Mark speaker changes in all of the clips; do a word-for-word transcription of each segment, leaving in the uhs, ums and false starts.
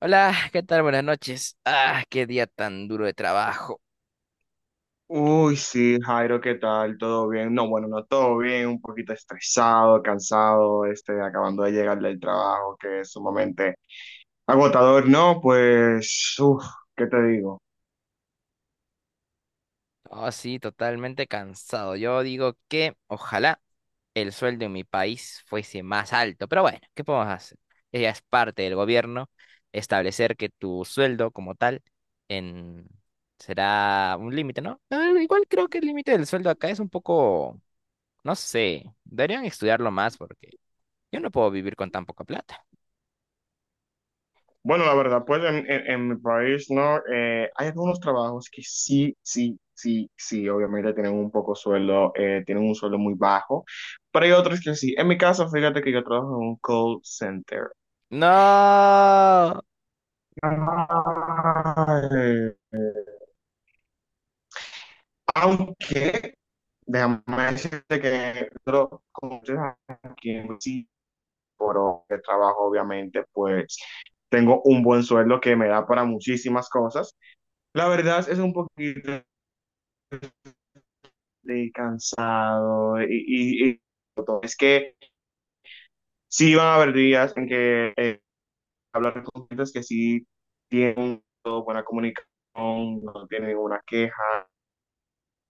Speaker 1: Hola, ¿qué tal? Buenas noches. Ah, qué día tan duro de trabajo.
Speaker 2: Uy, sí, Jairo, ¿qué tal? ¿Todo bien? No, bueno, no todo bien, un poquito estresado, cansado, este, acabando de llegar del trabajo, que es sumamente agotador, ¿no? Pues, uff, ¿qué te digo?
Speaker 1: Oh, sí, totalmente cansado. Yo digo que ojalá el sueldo en mi país fuese más alto, pero bueno, ¿qué podemos hacer? Ella es parte del gobierno establecer que tu sueldo como tal en... será un límite, ¿no? Ah, igual creo que el límite del sueldo acá es un poco, no sé, deberían estudiarlo más porque yo no puedo vivir con tan poca plata.
Speaker 2: Bueno, la verdad, pues en, en- en mi país, ¿no? Eh, hay algunos trabajos que sí, sí, sí, sí, obviamente tienen un poco sueldo, eh, tienen un sueldo muy bajo, pero hay otros que sí. En mi caso, fíjate que yo trabajo en un call center.
Speaker 1: No.
Speaker 2: Ay, aunque déjame decirte que nosotros, como ustedes aquí en sí, por el trabajo, obviamente, pues tengo un buen sueldo que me da para muchísimas cosas. La verdad es un poquito de cansado y, y, y es que sí van a haber días en que eh, hablar con clientes que sí tienen toda buena comunicación, no tienen ninguna queja,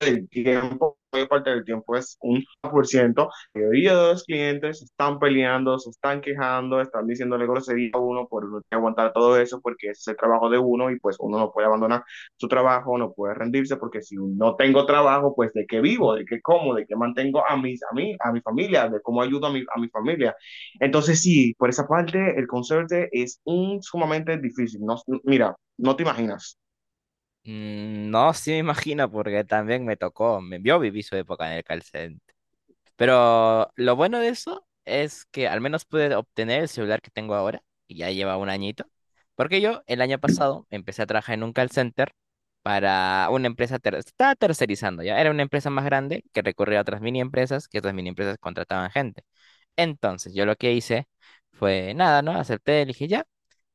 Speaker 2: del tiempo, la parte del tiempo es un por ciento. La mayoría de los clientes están peleando, se están quejando, están diciéndole grosería a uno por uno tiene que aguantar todo eso porque ese es el trabajo de uno y pues uno no puede abandonar su trabajo, no puede rendirse porque si no tengo trabajo, pues de qué vivo, de qué como, de qué mantengo a mis a mí, a mi familia, de cómo ayudo a mi, a mi familia. Entonces sí, por esa parte el conserje es un sumamente difícil. No, mira, no te imaginas.
Speaker 1: Mm, no, sí me imagino, porque también me tocó. me- Yo viví su época en el call cen- pero lo bueno de eso es que al menos pude obtener el celular que tengo ahora, y ya lleva un añito, porque yo el año pasado empecé a trabajar en un call center para una empresa, ter- estaba tercerizando ya, era una empresa más grande que recurría a otras mini empresas, que otras mini empresas contrataban gente. Entonces yo lo que hice fue nada, ¿no? Acepté, dije ya,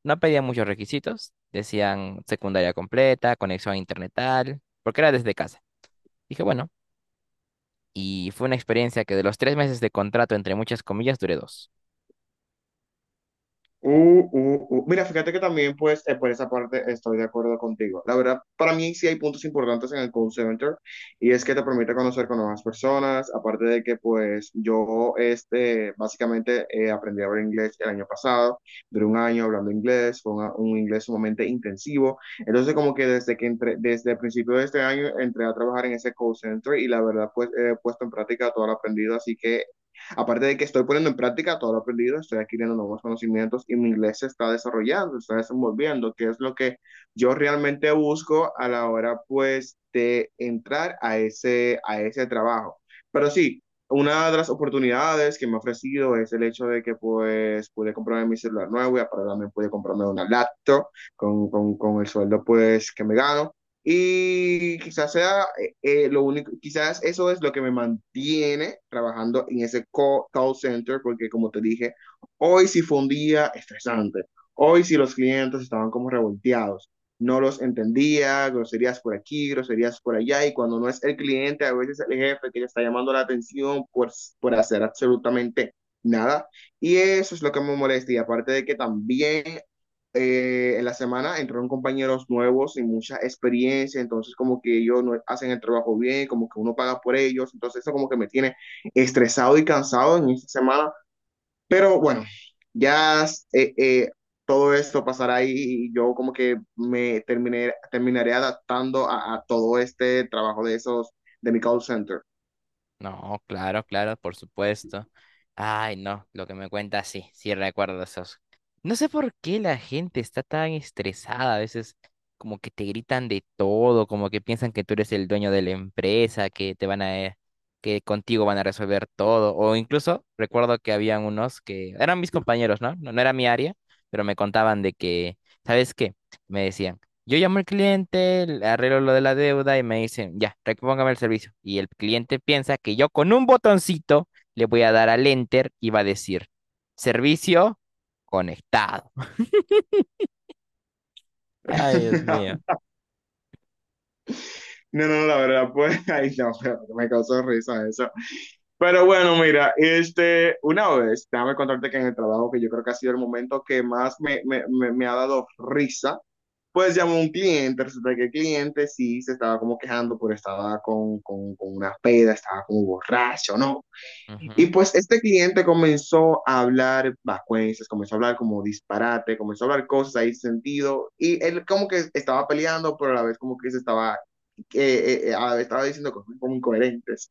Speaker 1: no pedía muchos requisitos, decían secundaria completa, conexión a internet tal, porque era desde casa. Dije, bueno, y fue una experiencia que de los tres meses de contrato, entre muchas comillas, duré dos.
Speaker 2: Uh, uh, uh. Mira, fíjate que también, pues, eh, por esa parte estoy de acuerdo contigo. La verdad, para mí sí hay puntos importantes en el call center y es que te permite conocer con nuevas personas, aparte de que, pues, yo, este, básicamente eh, aprendí a hablar inglés el año pasado, duré un año hablando inglés, fue una- un inglés sumamente intensivo. Entonces, como que desde que entré, desde el principio de este año entré a trabajar en ese call center y la verdad, pues, he puesto en práctica todo lo aprendido, así que aparte de que estoy poniendo en práctica todo lo aprendido, estoy adquiriendo nuevos conocimientos y mi inglés se está desarrollando, se está desenvolviendo, que es lo que yo realmente busco a la hora, pues, de entrar a ese, a ese trabajo. Pero sí, una de las oportunidades que me ha ofrecido es el hecho de que pues pude comprarme mi celular nuevo y aparte también pude comprarme una laptop con, con, con el sueldo pues que me gano. Y quizás sea que eh, lo único, quizás eso es lo que me mantiene trabajando en ese call, call center, porque como te dije, hoy sí fue un día estresante. Hoy sí los clientes estaban como revolteados. No los entendía, groserías por aquí, groserías por allá, y cuando no es el cliente, a veces el jefe que le está llamando la atención por, por hacer absolutamente nada. Y eso es lo que me molesta. Y aparte de que también eh, en la semana entraron compañeros nuevos sin mucha experiencia, entonces como que ellos no hacen el trabajo bien, como que uno paga por ellos, entonces eso como que me tiene estresado y cansado en esta semana, pero bueno, ya eh, eh, todo esto pasará y, y yo como que me terminé, terminaré adaptando a, a todo este trabajo de esos de mi call center.
Speaker 1: No, claro, claro, por supuesto. Ay, no, lo que me cuenta, sí, sí recuerdo esos. No sé por qué la gente está tan estresada, a veces como que te gritan de todo, como que piensan que tú eres el dueño de la empresa, que te van a, eh, que contigo van a resolver todo. O incluso recuerdo que habían unos que eran mis compañeros, ¿no? No, no era mi área, pero me contaban de que, ¿sabes qué? Me decían. Yo llamo al cliente, le arreglo lo de la deuda y me dicen, ya, repóngame el servicio. Y el cliente piensa que yo con un botoncito le voy a dar al enter y va a decir, servicio conectado. Ay, Dios mío.
Speaker 2: No, no, la verdad, pues, ahí no, pero me causó risa eso. Pero bueno, mira, este, una vez, déjame contarte que en el trabajo, que yo creo que ha sido el momento que más me, me, me- me ha dado risa, pues llamó un cliente, resulta que el cliente sí se estaba como quejando, porque estaba con, con, con una peda, estaba como borracho, ¿no? Y
Speaker 1: Ujú.
Speaker 2: pues este cliente comenzó a hablar vacuencias, comenzó a hablar como disparate, comenzó a hablar cosas ahí sin sentido. Y él como que estaba peleando, pero a la vez como que se estaba, eh, eh, a la vez estaba diciendo cosas como incoherentes.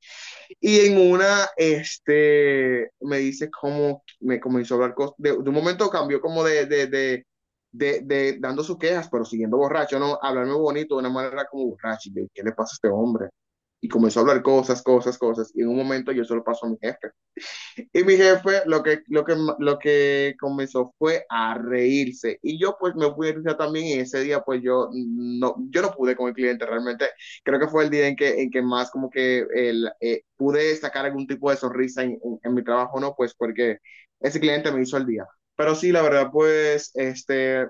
Speaker 2: Y en una, este, me dice cómo me comenzó a hablar cosas. De, de un momento cambió como de, de, de, de, de dando sus quejas, pero siguiendo borracho, ¿no? Hablarme bonito de una manera como borracho. Y yo, ¿qué le pasa a este hombre? Y comenzó a hablar cosas, cosas, cosas. Y en un momento yo solo paso a mi jefe. Y mi jefe lo que, lo que, lo que comenzó fue a reírse. Y yo pues me fui a risa también y ese día pues yo no, yo no pude con el cliente realmente. Creo que fue el día en que, en que más como que el, eh, pude sacar algún tipo de sonrisa en, en, en mi trabajo, ¿no? Pues porque ese cliente me hizo el día. Pero sí, la verdad, pues, este,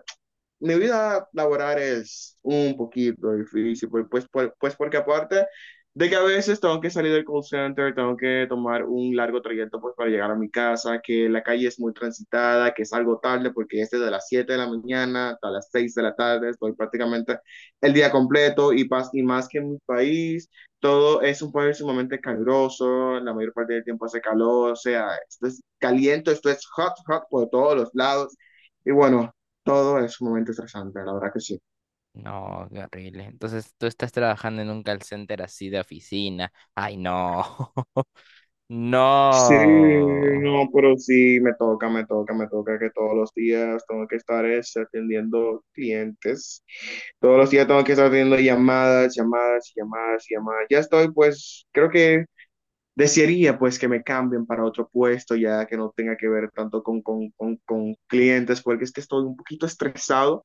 Speaker 2: mi vida laboral es un poquito difícil, pues, pues, por- pues porque aparte de que a veces tengo que salir del call center, tengo que tomar un largo trayecto pues para llegar a mi casa, que la calle es muy transitada, que salgo tarde porque es desde las siete de la mañana hasta las seis de la tarde, estoy prácticamente el día completo y, pas- y más que en mi país, todo es un país sumamente caluroso, la mayor parte del tiempo hace calor, o sea, esto es caliente, esto es hot, hot por todos los lados. Y bueno, todo es un momento estresante, la verdad que sí.
Speaker 1: No, qué horrible. Entonces tú estás trabajando en un call center así de oficina. Ay, no.
Speaker 2: Sí,
Speaker 1: No.
Speaker 2: no, pero sí, me toca, me toca, me toca que todos los días tengo que estar es, atendiendo clientes. Todos los días tengo que estar atendiendo llamadas, llamadas, llamadas, llamadas. Ya estoy, pues, creo que desearía, pues, que me cambien para otro puesto, ya que no tenga que ver tanto con, con, con, con clientes, porque es que estoy un poquito estresado.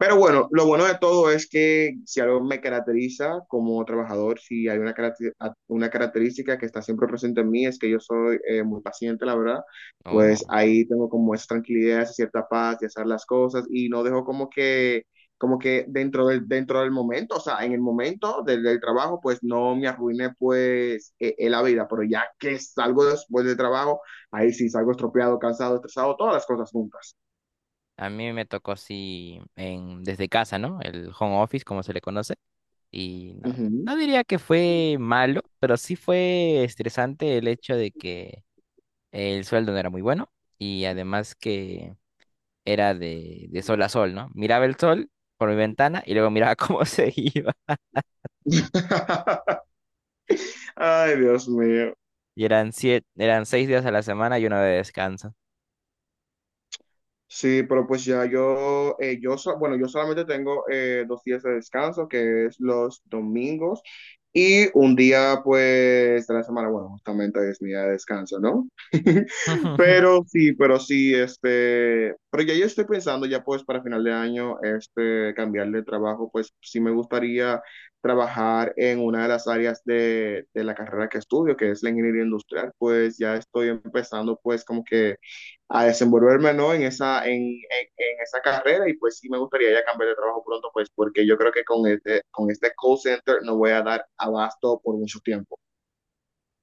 Speaker 2: Pero bueno, lo bueno de todo es que si algo me caracteriza como trabajador, si hay una, caracter- una característica que está siempre presente en mí, es que yo soy eh, muy paciente, la verdad, pues
Speaker 1: No.
Speaker 2: ahí tengo como esa tranquilidad, esa cierta paz de hacer las cosas y no dejo como que, como que dentro del, dentro del momento, o sea, en el momento del, del trabajo, pues no me arruine pues eh, eh, la vida, pero ya que salgo después del trabajo, ahí sí salgo estropeado, cansado, estresado, todas las cosas juntas.
Speaker 1: A mí me tocó así en, desde casa, ¿no? El home office, como se le conoce. Y no,
Speaker 2: Ujú.
Speaker 1: no diría que fue malo, pero sí fue estresante el hecho de que el sueldo no era muy bueno y además que era de, de sol a sol, ¿no? Miraba el sol por mi ventana y luego miraba cómo se iba.
Speaker 2: Ay, Dios mío.
Speaker 1: Y eran siete, eran seis días a la semana y uno de descanso.
Speaker 2: Sí, pero pues ya yo, eh, yo so- bueno, yo solamente tengo eh, dos días de descanso, que es los domingos, y un día pues de la semana, bueno, justamente es mi día de descanso, ¿no? Pero sí, pero sí, este, pero ya yo estoy pensando ya pues para final de año, este, cambiar de trabajo, pues sí me gustaría trabajar en una de las áreas de, de la carrera que estudio, que es la ingeniería industrial, pues ya estoy empezando pues como que a desenvolverme, ¿no? En esa, en, en, en esa carrera y pues sí me gustaría ya cambiar de trabajo pronto, pues porque yo creo que con este, con este call center no voy a dar abasto por mucho tiempo.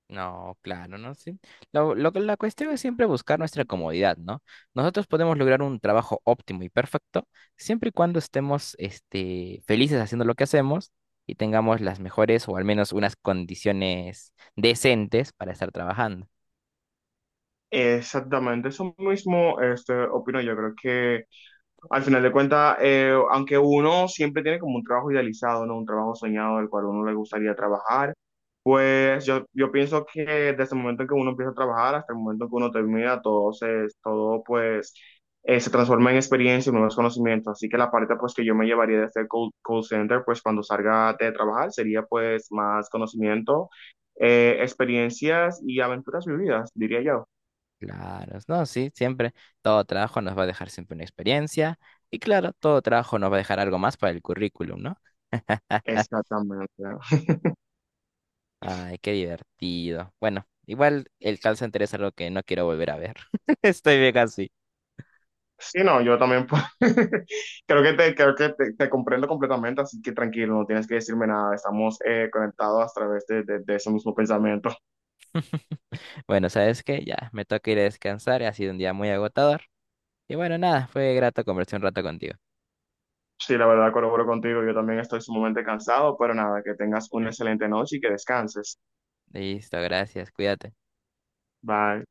Speaker 1: No, claro, ¿no? Sí. Lo, lo que- la cuestión es siempre buscar nuestra comodidad, ¿no? Nosotros podemos lograr un trabajo óptimo y perfecto siempre y cuando estemos, este, felices haciendo lo que hacemos y tengamos las mejores o al menos unas condiciones decentes para estar trabajando.
Speaker 2: Exactamente, eso mismo este, opino yo. Creo que al final de cuentas, eh, aunque uno siempre tiene como un trabajo idealizado, ¿no? Un trabajo soñado del cual uno le gustaría trabajar, pues yo, yo pienso que desde el momento en que uno empieza a trabajar hasta el momento en que uno termina, todo se, todo pues eh, se transforma en experiencia y nuevos conocimientos. Así que la parte pues que yo me llevaría de este call, call center, pues cuando salga de trabajar, sería pues más conocimiento, eh, experiencias y aventuras vividas, diría yo.
Speaker 1: Claro, no, sí, siempre todo trabajo nos va a dejar siempre una experiencia y claro, todo trabajo nos va a dejar algo más para el currículum, ¿no?
Speaker 2: Exactamente.
Speaker 1: Ay, qué divertido. Bueno, igual el call center es algo que no quiero volver a ver. Estoy bien así.
Speaker 2: Sí, no, yo también pues, creo que te, creo que te, te comprendo completamente, así que tranquilo, no tienes que decirme nada, estamos eh, conectados a través de, de de ese mismo pensamiento.
Speaker 1: Bueno, ¿sabes qué? Ya, me toca ir a descansar, ha sido un día muy agotador. Y bueno, nada, fue grato conversar un rato contigo.
Speaker 2: Sí, la verdad colaboro contigo. Yo también estoy sumamente cansado, pero nada, que tengas una excelente noche y que descanses.
Speaker 1: Listo, gracias, cuídate.
Speaker 2: Bye.